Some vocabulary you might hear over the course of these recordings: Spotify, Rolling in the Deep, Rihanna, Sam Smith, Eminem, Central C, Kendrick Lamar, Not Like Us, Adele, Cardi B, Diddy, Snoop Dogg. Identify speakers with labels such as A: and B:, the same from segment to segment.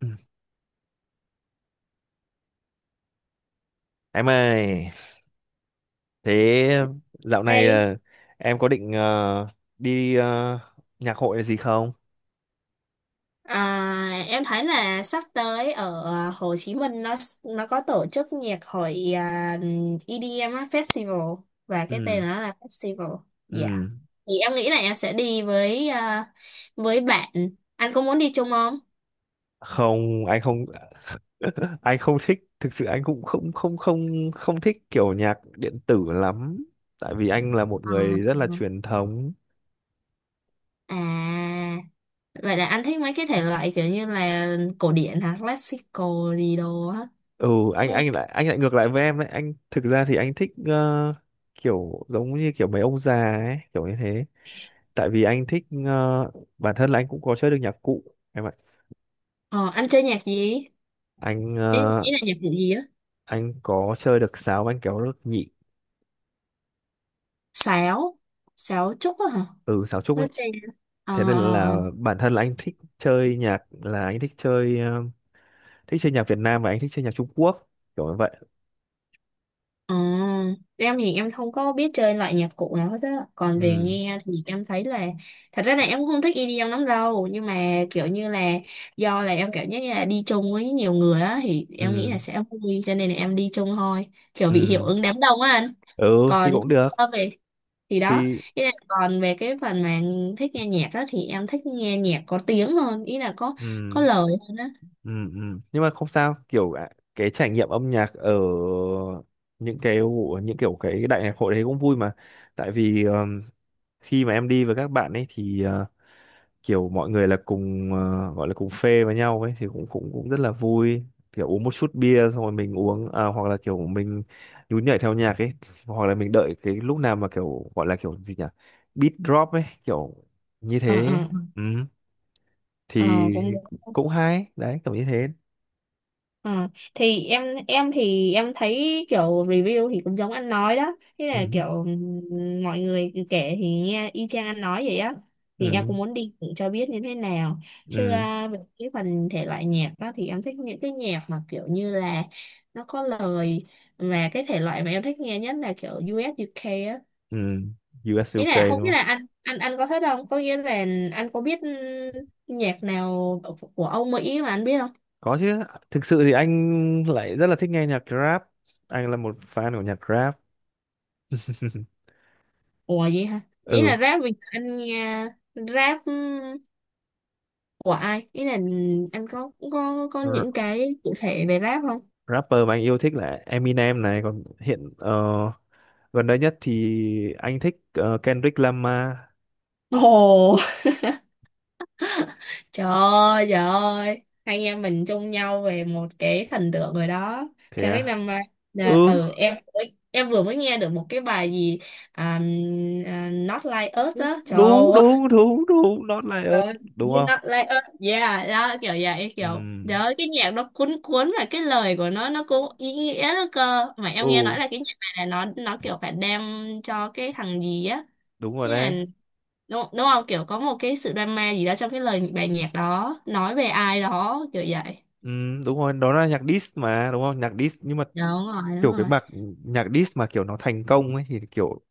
A: Ừ. Em ơi, thế dạo
B: Ê,
A: này là em có định đi nhạc hội là gì không?
B: em thấy là sắp tới ở Hồ Chí Minh nó có tổ chức nhạc hội, à, EDM á, Festival, và cái tên
A: Ừ,
B: nó là Festival. Dạ.
A: ừ.
B: Thì em nghĩ là em sẽ đi với, với bạn. Anh có muốn đi chung không?
A: Không, anh không anh không thích, thực sự anh cũng không không không không thích kiểu nhạc điện tử lắm, tại vì anh là một
B: À,
A: người rất là truyền thống.
B: à, vậy là anh thích mấy cái thể loại kiểu như là cổ điển hả, classical gì đồ á,
A: Ừ, anh
B: đúng không?
A: anh lại anh lại ngược lại với em đấy, anh thực ra thì anh thích kiểu giống như kiểu mấy ông già ấy, kiểu như thế. Tại vì anh thích bản thân là anh cũng có chơi được nhạc cụ em ạ.
B: Ờ, anh chơi nhạc gì?
A: Anh
B: Ý, ý là nhạc cụ gì á?
A: anh có chơi được sáo và anh kéo được nhị.
B: Sáo, sáo trúc á hả?
A: Ừ, sáo trúc
B: Hết
A: ấy.
B: rồi. Ờ,
A: Thế nên
B: ờ,
A: là bản thân là anh thích chơi nhạc là anh thích chơi thích chơi nhạc Việt Nam và anh thích chơi nhạc Trung Quốc kiểu như vậy.
B: ờ. Em thì em không có biết chơi loại nhạc cụ nào hết á. Còn về
A: Ừ,
B: nghe thì em thấy là thật ra là em cũng không thích đi EDM lắm đâu, nhưng mà kiểu như là do là em cảm giác như là đi chung với nhiều người á thì em nghĩ
A: ừ.
B: là sẽ vui cho nên là em đi chung thôi, kiểu
A: Ừ,
B: bị hiệu ứng đám đông á anh.
A: ừ thì
B: Còn
A: cũng được.
B: so về thì đó,
A: Thì
B: ý là còn về cái phần mà thích nghe nhạc á thì em thích nghe nhạc có tiếng hơn, ý là có
A: ừ,
B: lời hơn á.
A: ừ, ừ nhưng mà không sao kiểu ạ, cái trải nghiệm âm nhạc ở những kiểu cái đại nhạc hội đấy cũng vui mà. Tại vì khi mà em đi với các bạn ấy thì kiểu mọi người là cùng gọi là cùng phê với nhau ấy thì cũng cũng cũng rất là vui, kiểu uống một chút bia xong rồi mình uống à, hoặc là kiểu mình nhún nhảy theo nhạc ấy, hoặc là mình đợi cái lúc nào mà kiểu gọi là kiểu gì nhỉ, beat drop ấy kiểu như thế
B: Ờ,
A: ấy.
B: ờ,
A: Ừ. Thì
B: ờ, cũng.
A: cũng hay đấy kiểu như thế.
B: Ờ, thì em thì em thấy kiểu review thì cũng giống anh nói đó, thế
A: Ừ.
B: là kiểu mọi người kể thì nghe y chang anh nói vậy á, thì em
A: Ừ.
B: cũng muốn đi thử cho biết như thế nào chứ,
A: Ừ.
B: về cái phần thể loại nhạc đó thì em thích những cái nhạc mà kiểu như là nó có lời, và cái thể loại mà em thích nghe nhất là kiểu US UK á.
A: Ừ. US
B: Ý
A: UK
B: là không
A: đúng
B: biết
A: không?
B: là anh có thích không, có nghĩa là anh có biết nhạc nào của ông Mỹ mà anh biết không.
A: Có chứ, thực sự thì anh lại rất là thích nghe nhạc rap. Anh là một fan của nhạc rap.
B: Ủa vậy hả? Ý
A: Ừ,
B: là rap bây giờ anh nghe, rap của ai? Ý là anh có những cái cụ thể về rap không?
A: rapper mà anh yêu thích là Eminem này, còn hiện gần đây nhất thì anh thích Kendrick Lamar.
B: Ồ, trời ơi, trời ơi. Hai anh em mình chung nhau về một cái thần tượng rồi đó.
A: Thế
B: Kendrick
A: à.
B: Lamar. Là,
A: Ừ,
B: em, em mới nghe được một cái bài gì, à, Not Like Us á. Trời.
A: đúng đúng đúng đúng not like us đúng
B: You
A: không.
B: not like us. Yeah, đó kiểu vậy,
A: Ừ,
B: kiểu đó, cái nhạc nó cuốn cuốn và cái lời của nó cũng ý nghĩa đó, cơ mà em
A: ừ,
B: nghe nói là cái nhạc này là nó kiểu phải đem cho cái thằng gì á,
A: đúng rồi
B: cái là,
A: đấy.
B: đúng, đúng không, kiểu có một cái sự drama gì đó trong cái lời bài nhạc đó, nói về ai đó kiểu vậy.
A: Ừ, đúng rồi, đó là nhạc diss mà, đúng không, nhạc diss, nhưng mà
B: Đúng rồi, đúng
A: kiểu cái
B: rồi,
A: mặt nhạc diss mà kiểu nó thành công ấy thì kiểu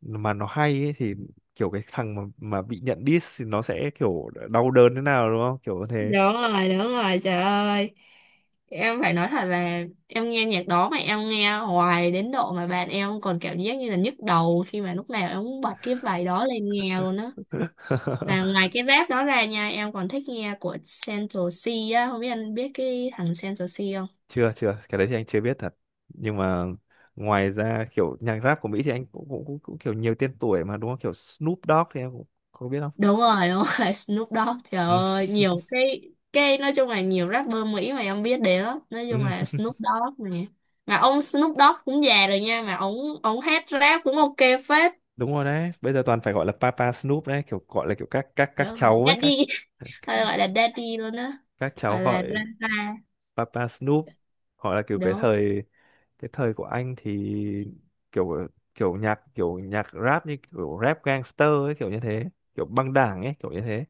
A: mà nó hay ấy thì kiểu cái thằng mà bị nhận diss thì nó sẽ kiểu đau đớn thế nào đúng không kiểu như thế.
B: đúng rồi, đúng rồi, trời ơi, em phải nói thật là em nghe nhạc đó mà em nghe hoài đến độ mà bạn em còn cảm giác như là nhức đầu khi mà lúc nào em cũng bật cái bài đó lên nghe luôn á. Và ngoài cái rap đó ra nha, em còn thích nghe của Central C á, không biết anh biết cái thằng Central C không?
A: chưa chưa, cái đấy thì anh chưa biết thật, nhưng mà ngoài ra kiểu nhạc rap của Mỹ thì anh cũng kiểu nhiều tên tuổi mà đúng không, kiểu Snoop Dogg thì em cũng không biết không?
B: Đúng rồi, Snoop Dogg, trời
A: Ừ,
B: ơi, nhiều cái nói chung là nhiều rapper Mỹ mà em biết đến lắm, nói chung
A: ừ.
B: là Snoop Dogg nè. Mà ông Snoop Dogg cũng già rồi nha, mà ông hát rap cũng ok phết.
A: Đúng rồi đấy, bây giờ toàn phải gọi là Papa Snoop đấy, kiểu gọi là kiểu các
B: Đúng rồi,
A: cháu ấy,
B: daddy, hay gọi là daddy luôn á,
A: các cháu
B: gọi là
A: gọi
B: grandpa.
A: Papa Snoop, hoặc là kiểu
B: Đúng.
A: cái thời của anh thì kiểu kiểu nhạc rap như kiểu rap gangster ấy kiểu như thế, kiểu băng đảng ấy kiểu như thế.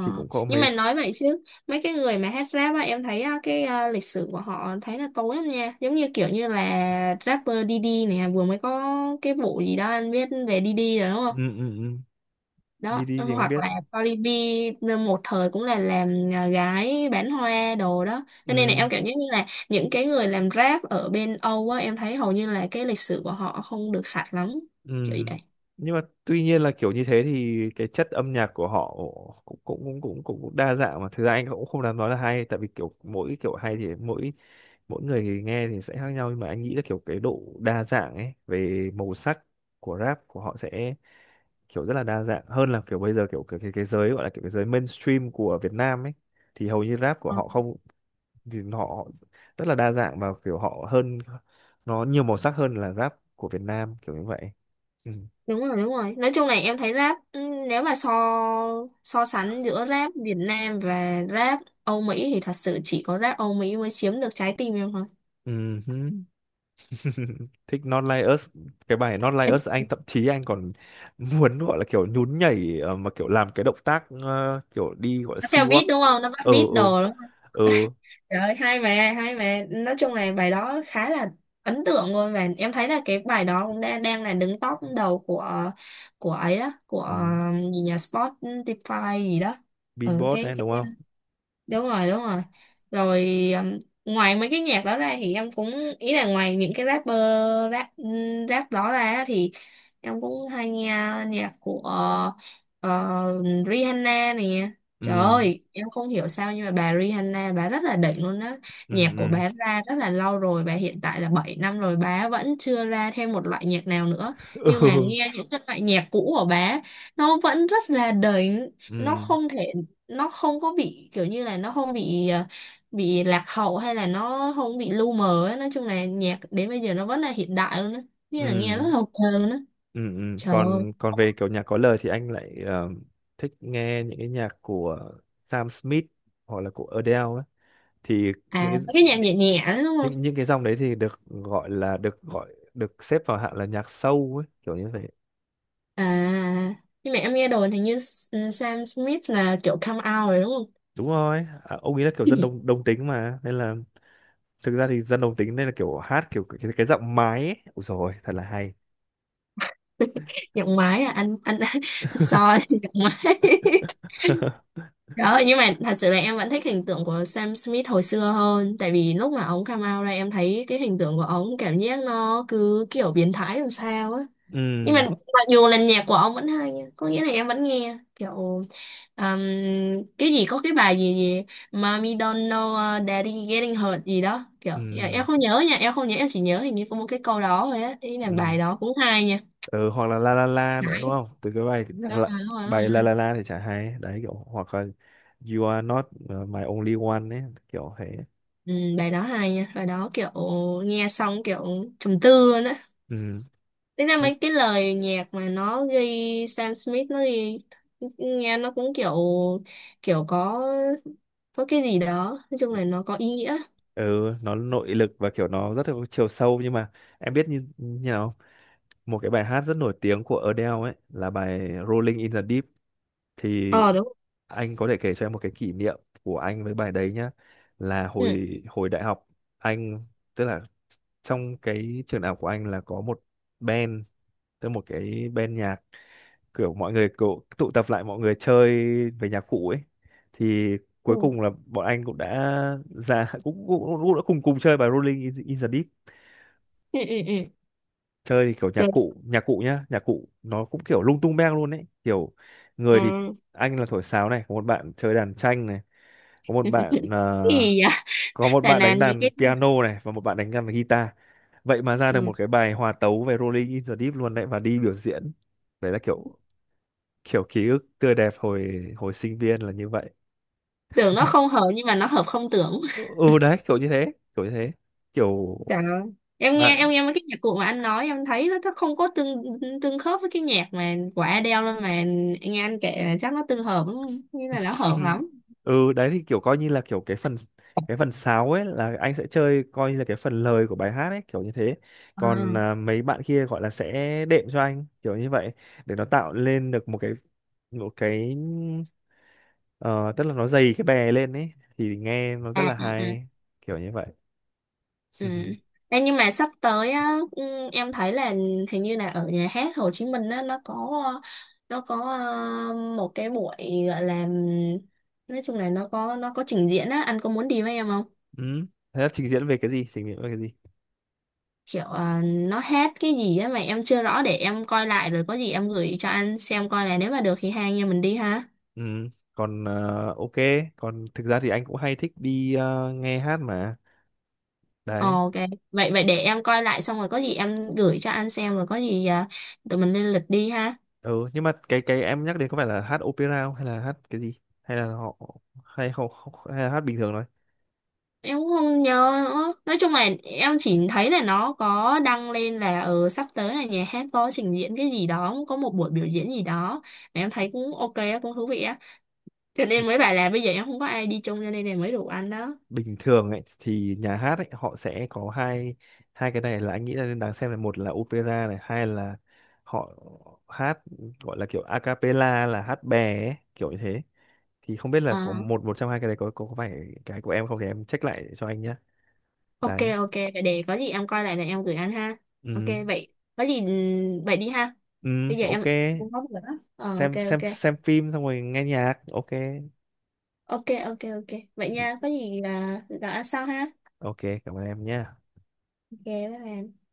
A: Thì cũng có
B: Nhưng
A: mấy,
B: mà nói vậy chứ mấy cái người mà hát rap á em thấy á, cái lịch sử của họ thấy là tối lắm nha, giống như kiểu như là rapper Diddy này, vừa mới có cái vụ gì đó anh biết về Diddy rồi đúng không.
A: ừ, ừ, ừ. Đi
B: Đó,
A: đi thì anh
B: hoặc
A: biết.
B: là Cardi B một thời cũng là làm, gái bán hoa đồ đó, cho nên là
A: Ừ.
B: em cảm giác như là những cái người làm rap ở bên Âu á em thấy hầu như là cái lịch sử của họ không được sạch lắm
A: Ừ.
B: kiểu vậy.
A: Nhưng mà tuy nhiên là kiểu như thế thì cái chất âm nhạc của họ cũng cũng cũng cũng cũng cũng đa dạng mà, thực ra anh cũng không dám nói là hay tại vì kiểu mỗi kiểu hay thì mỗi mỗi người thì nghe thì sẽ khác nhau, nhưng mà anh nghĩ là kiểu cái độ đa dạng ấy về màu sắc của rap của họ sẽ kiểu rất là đa dạng hơn là kiểu bây giờ kiểu cái giới gọi là kiểu cái giới mainstream của Việt Nam ấy, thì hầu như rap của họ không, thì họ rất là đa dạng và kiểu họ hơn, nó nhiều màu sắc hơn là rap của Việt Nam kiểu như vậy. Ừ.
B: Đúng rồi, đúng rồi, nói chung này em thấy rap, nếu mà so, so sánh giữa rap Việt Nam và rap Âu Mỹ thì thật sự chỉ có rap Âu Mỹ mới chiếm được trái tim em thôi.
A: Ừm, thích Not Like Us, cái bài Not Like Us anh thậm chí anh còn muốn gọi là kiểu nhún nhảy mà kiểu làm cái động tác kiểu đi gọi là
B: Nó
A: sea
B: theo
A: walk.
B: beat đúng không, nó bắt
A: Ờ,
B: beat
A: ờ,
B: đồ đúng không.
A: ờ.
B: Trời ơi hay mà, hay mà, nói chung là bài đó khá là ấn tượng luôn, và em thấy là cái bài đó cũng đang, đang là đứng top đầu của ấy đó, của
A: Ừm,
B: gì nhà Spotify gì đó. Ừ,
A: Beatbox
B: cái
A: đấy đúng
B: cái
A: không.
B: đúng rồi, đúng rồi. Rồi ngoài mấy cái nhạc đó ra thì em cũng, ý là ngoài những cái rapper, rap rap đó ra thì em cũng hay nghe nhạc của, ờ, Rihanna nè. Trời
A: Ừm,
B: ơi em không hiểu sao nhưng mà bà Rihanna bà rất là đỉnh luôn đó.
A: ừm.
B: Nhạc của
A: Ừm.
B: bà ra rất là lâu rồi, bà hiện tại là 7 năm rồi bà vẫn chưa ra thêm một loại nhạc nào nữa, nhưng mà
A: Ừ.
B: nghe những cái loại nhạc cũ của bà nó vẫn rất là đỉnh. Nó
A: ừm
B: không thể, nó không có bị kiểu như là nó không bị, bị lạc hậu hay là nó không bị lu mờ ấy. Nói chung là nhạc đến bây giờ nó vẫn là hiện đại luôn á, nghĩa là nghe rất
A: ừm
B: là ok luôn á.
A: ừm.
B: Trời ơi.
A: Còn còn về kiểu nhạc có lời thì anh lại thích nghe những cái nhạc của Sam Smith hoặc là của Adele ấy. Thì những
B: À,
A: cái,
B: cái nhạc nhẹ nhẹ đấy đúng không.
A: những cái dòng đấy thì được gọi là được xếp vào hạng là nhạc sâu ấy kiểu như vậy.
B: À, nhưng mà em nghe đồn thì như Sam Smith là kiểu come out rồi đúng không.
A: Đúng rồi, à, ông ấy là kiểu dân đồng đồng tính mà nên là thực ra thì dân đồng tính nên là kiểu hát kiểu cái giọng mái ấy. Ôi rồi thật là hay.
B: Nhạc máy à anh, anh soi nhạc máy. Đó, nhưng mà thật sự là em vẫn thích hình tượng của Sam Smith hồi xưa hơn. Tại vì lúc mà ông come out ra em thấy cái hình tượng của ông cảm giác nó cứ kiểu biến thái làm sao á. Nhưng mà
A: ừ
B: mặc dù là nhạc của ông vẫn hay nha. Có nghĩa là em vẫn nghe kiểu um, cái gì, có cái bài gì gì, Mommy don't know, daddy getting hurt gì đó. Kiểu em
A: ừ
B: không nhớ nha, em không nhớ, em chỉ nhớ hình như có một cái câu đó thôi á. Ý là bài
A: ừ
B: đó cũng hay nha.
A: ừ, hoặc là la la la nữa đúng
B: Đấy,
A: không, từ cái bài nhạc
B: đúng rồi,
A: lạ.
B: đúng rồi,
A: Bài
B: đúng
A: la
B: rồi.
A: la la thì chả hay đấy kiểu, hoặc là you are not my only one ấy kiểu thế.
B: Ừ, bài đó hay nha, bài đó kiểu nghe xong kiểu trầm tư luôn á.
A: Ừ,
B: Thế ra mấy cái lời nhạc mà nó ghi, Sam Smith nó ghi nghe nó cũng kiểu, kiểu có cái gì đó, nói chung là nó có ý nghĩa.
A: ừ. Nó nội lực và kiểu nó rất là có chiều sâu, nhưng mà em biết như như nào, một cái bài hát rất nổi tiếng của Adele ấy là bài Rolling in the Deep, thì
B: Ờ đúng.
A: anh có thể kể cho em một cái kỷ niệm của anh với bài đấy nhá. Là
B: Ừ.
A: hồi hồi đại học, anh, tức là trong cái trường đại học của anh là có một band, tức một cái band nhạc, kiểu mọi người kiểu tụ tập lại mọi người chơi về nhạc cụ ấy, thì cuối
B: Ừ.
A: cùng là bọn anh cũng đã ra cũng cũng, cũng đã cùng cùng chơi bài Rolling in, in the Deep.
B: Ừ, ừ, ừ.
A: Chơi thì kiểu
B: Rồi,
A: nhạc cụ nó cũng kiểu lung tung beng luôn ấy kiểu, người thì
B: à,
A: anh là thổi sáo này, có một bạn chơi đàn tranh này, có một bạn
B: cái gì vậy?
A: có một bạn
B: Là
A: đánh
B: những
A: đàn
B: cái,
A: piano này, và một bạn đánh đàn guitar. Vậy mà ra được
B: ừ,
A: một cái bài hòa tấu về Rolling in the Deep luôn đấy, và đi biểu diễn. Đấy là kiểu kiểu ký ức tươi đẹp hồi hồi sinh viên là như vậy.
B: tưởng nó không hợp nhưng mà nó hợp không tưởng.
A: Ừ, ừ, đấy kiểu như thế kiểu như thế, kiểu
B: Trời ơi. Em nghe,
A: bạn.
B: em nghe mấy cái nhạc cụ mà anh nói em thấy nó không có tương, tương khớp với cái nhạc mà của Adele luôn mà, nghe anh kể là chắc nó tương hợp lắm, như là nó hợp lắm.
A: Ừ, đấy thì kiểu coi như là kiểu cái phần sáo ấy là anh sẽ chơi coi như là cái phần lời của bài hát ấy kiểu như thế. Còn
B: À,
A: à, mấy bạn kia gọi là sẽ đệm cho anh kiểu như vậy, để nó tạo lên được một cái, một cái ờ, tức là nó dày cái bè lên ấy thì nghe nó rất
B: à,
A: là
B: à, à.
A: hay kiểu như vậy.
B: Ừ. Ê, nhưng mà sắp tới á, ừ, em thấy là hình như là ở nhà hát Hồ Chí Minh á, nó có một cái buổi gọi là, nói chung là nó có trình diễn á, anh có muốn đi với em không.
A: Ừ. Thế là trình diễn về cái gì, trình diễn về cái gì?
B: Kiểu nó hết cái gì á mà em chưa rõ, để em coi lại rồi có gì em gửi cho anh xem, coi là nếu mà được thì hai anh em mình đi ha.
A: Ừ. Còn ờ, ok, còn thực ra thì anh cũng hay thích đi nghe hát mà.
B: Ờ,
A: Đấy.
B: ok, vậy vậy để em coi lại xong rồi có gì em gửi cho anh xem, rồi có gì, tụi mình lên lịch đi ha.
A: Ừ, nhưng mà cái em nhắc đến có phải là hát opera không, hay là hát cái gì, hay là họ không, hay là hát bình thường thôi?
B: Em cũng không nhớ nữa, nói chung là em chỉ thấy là nó có đăng lên là, ờ, sắp tới là nhà hát có trình diễn cái gì đó, có một buổi biểu diễn gì đó mà em thấy cũng ok á, cũng thú vị á, cho nên mới bảo là bây giờ em không có ai đi chung cho nên là mới rủ anh đó.
A: Bình thường ấy thì nhà hát ấy họ sẽ có hai, cái này là anh nghĩ là nên đáng xem, là một là opera này, hai là họ hát gọi là kiểu a cappella là hát bè ấy, kiểu như thế. Thì không biết là có
B: Ờ.
A: một một trong hai cái đấy có phải cái của em không, thì em check lại cho anh nhé.
B: Ok,
A: Đấy.
B: ok, vậy để có gì em coi lại là em gửi anh ha. Ok,
A: Ừ.
B: vậy có gì vậy đi ha,
A: Ừ.
B: bây giờ
A: Ok,
B: em không có việc nữa, ờ, ok,
A: xem
B: ok,
A: phim xong rồi nghe nhạc, ok.
B: ok, ok. Ok vậy
A: Ừ,
B: nha, có gì là gặp anh sau ha.
A: ok, cảm ơn em nhé.
B: Ok, bye bye.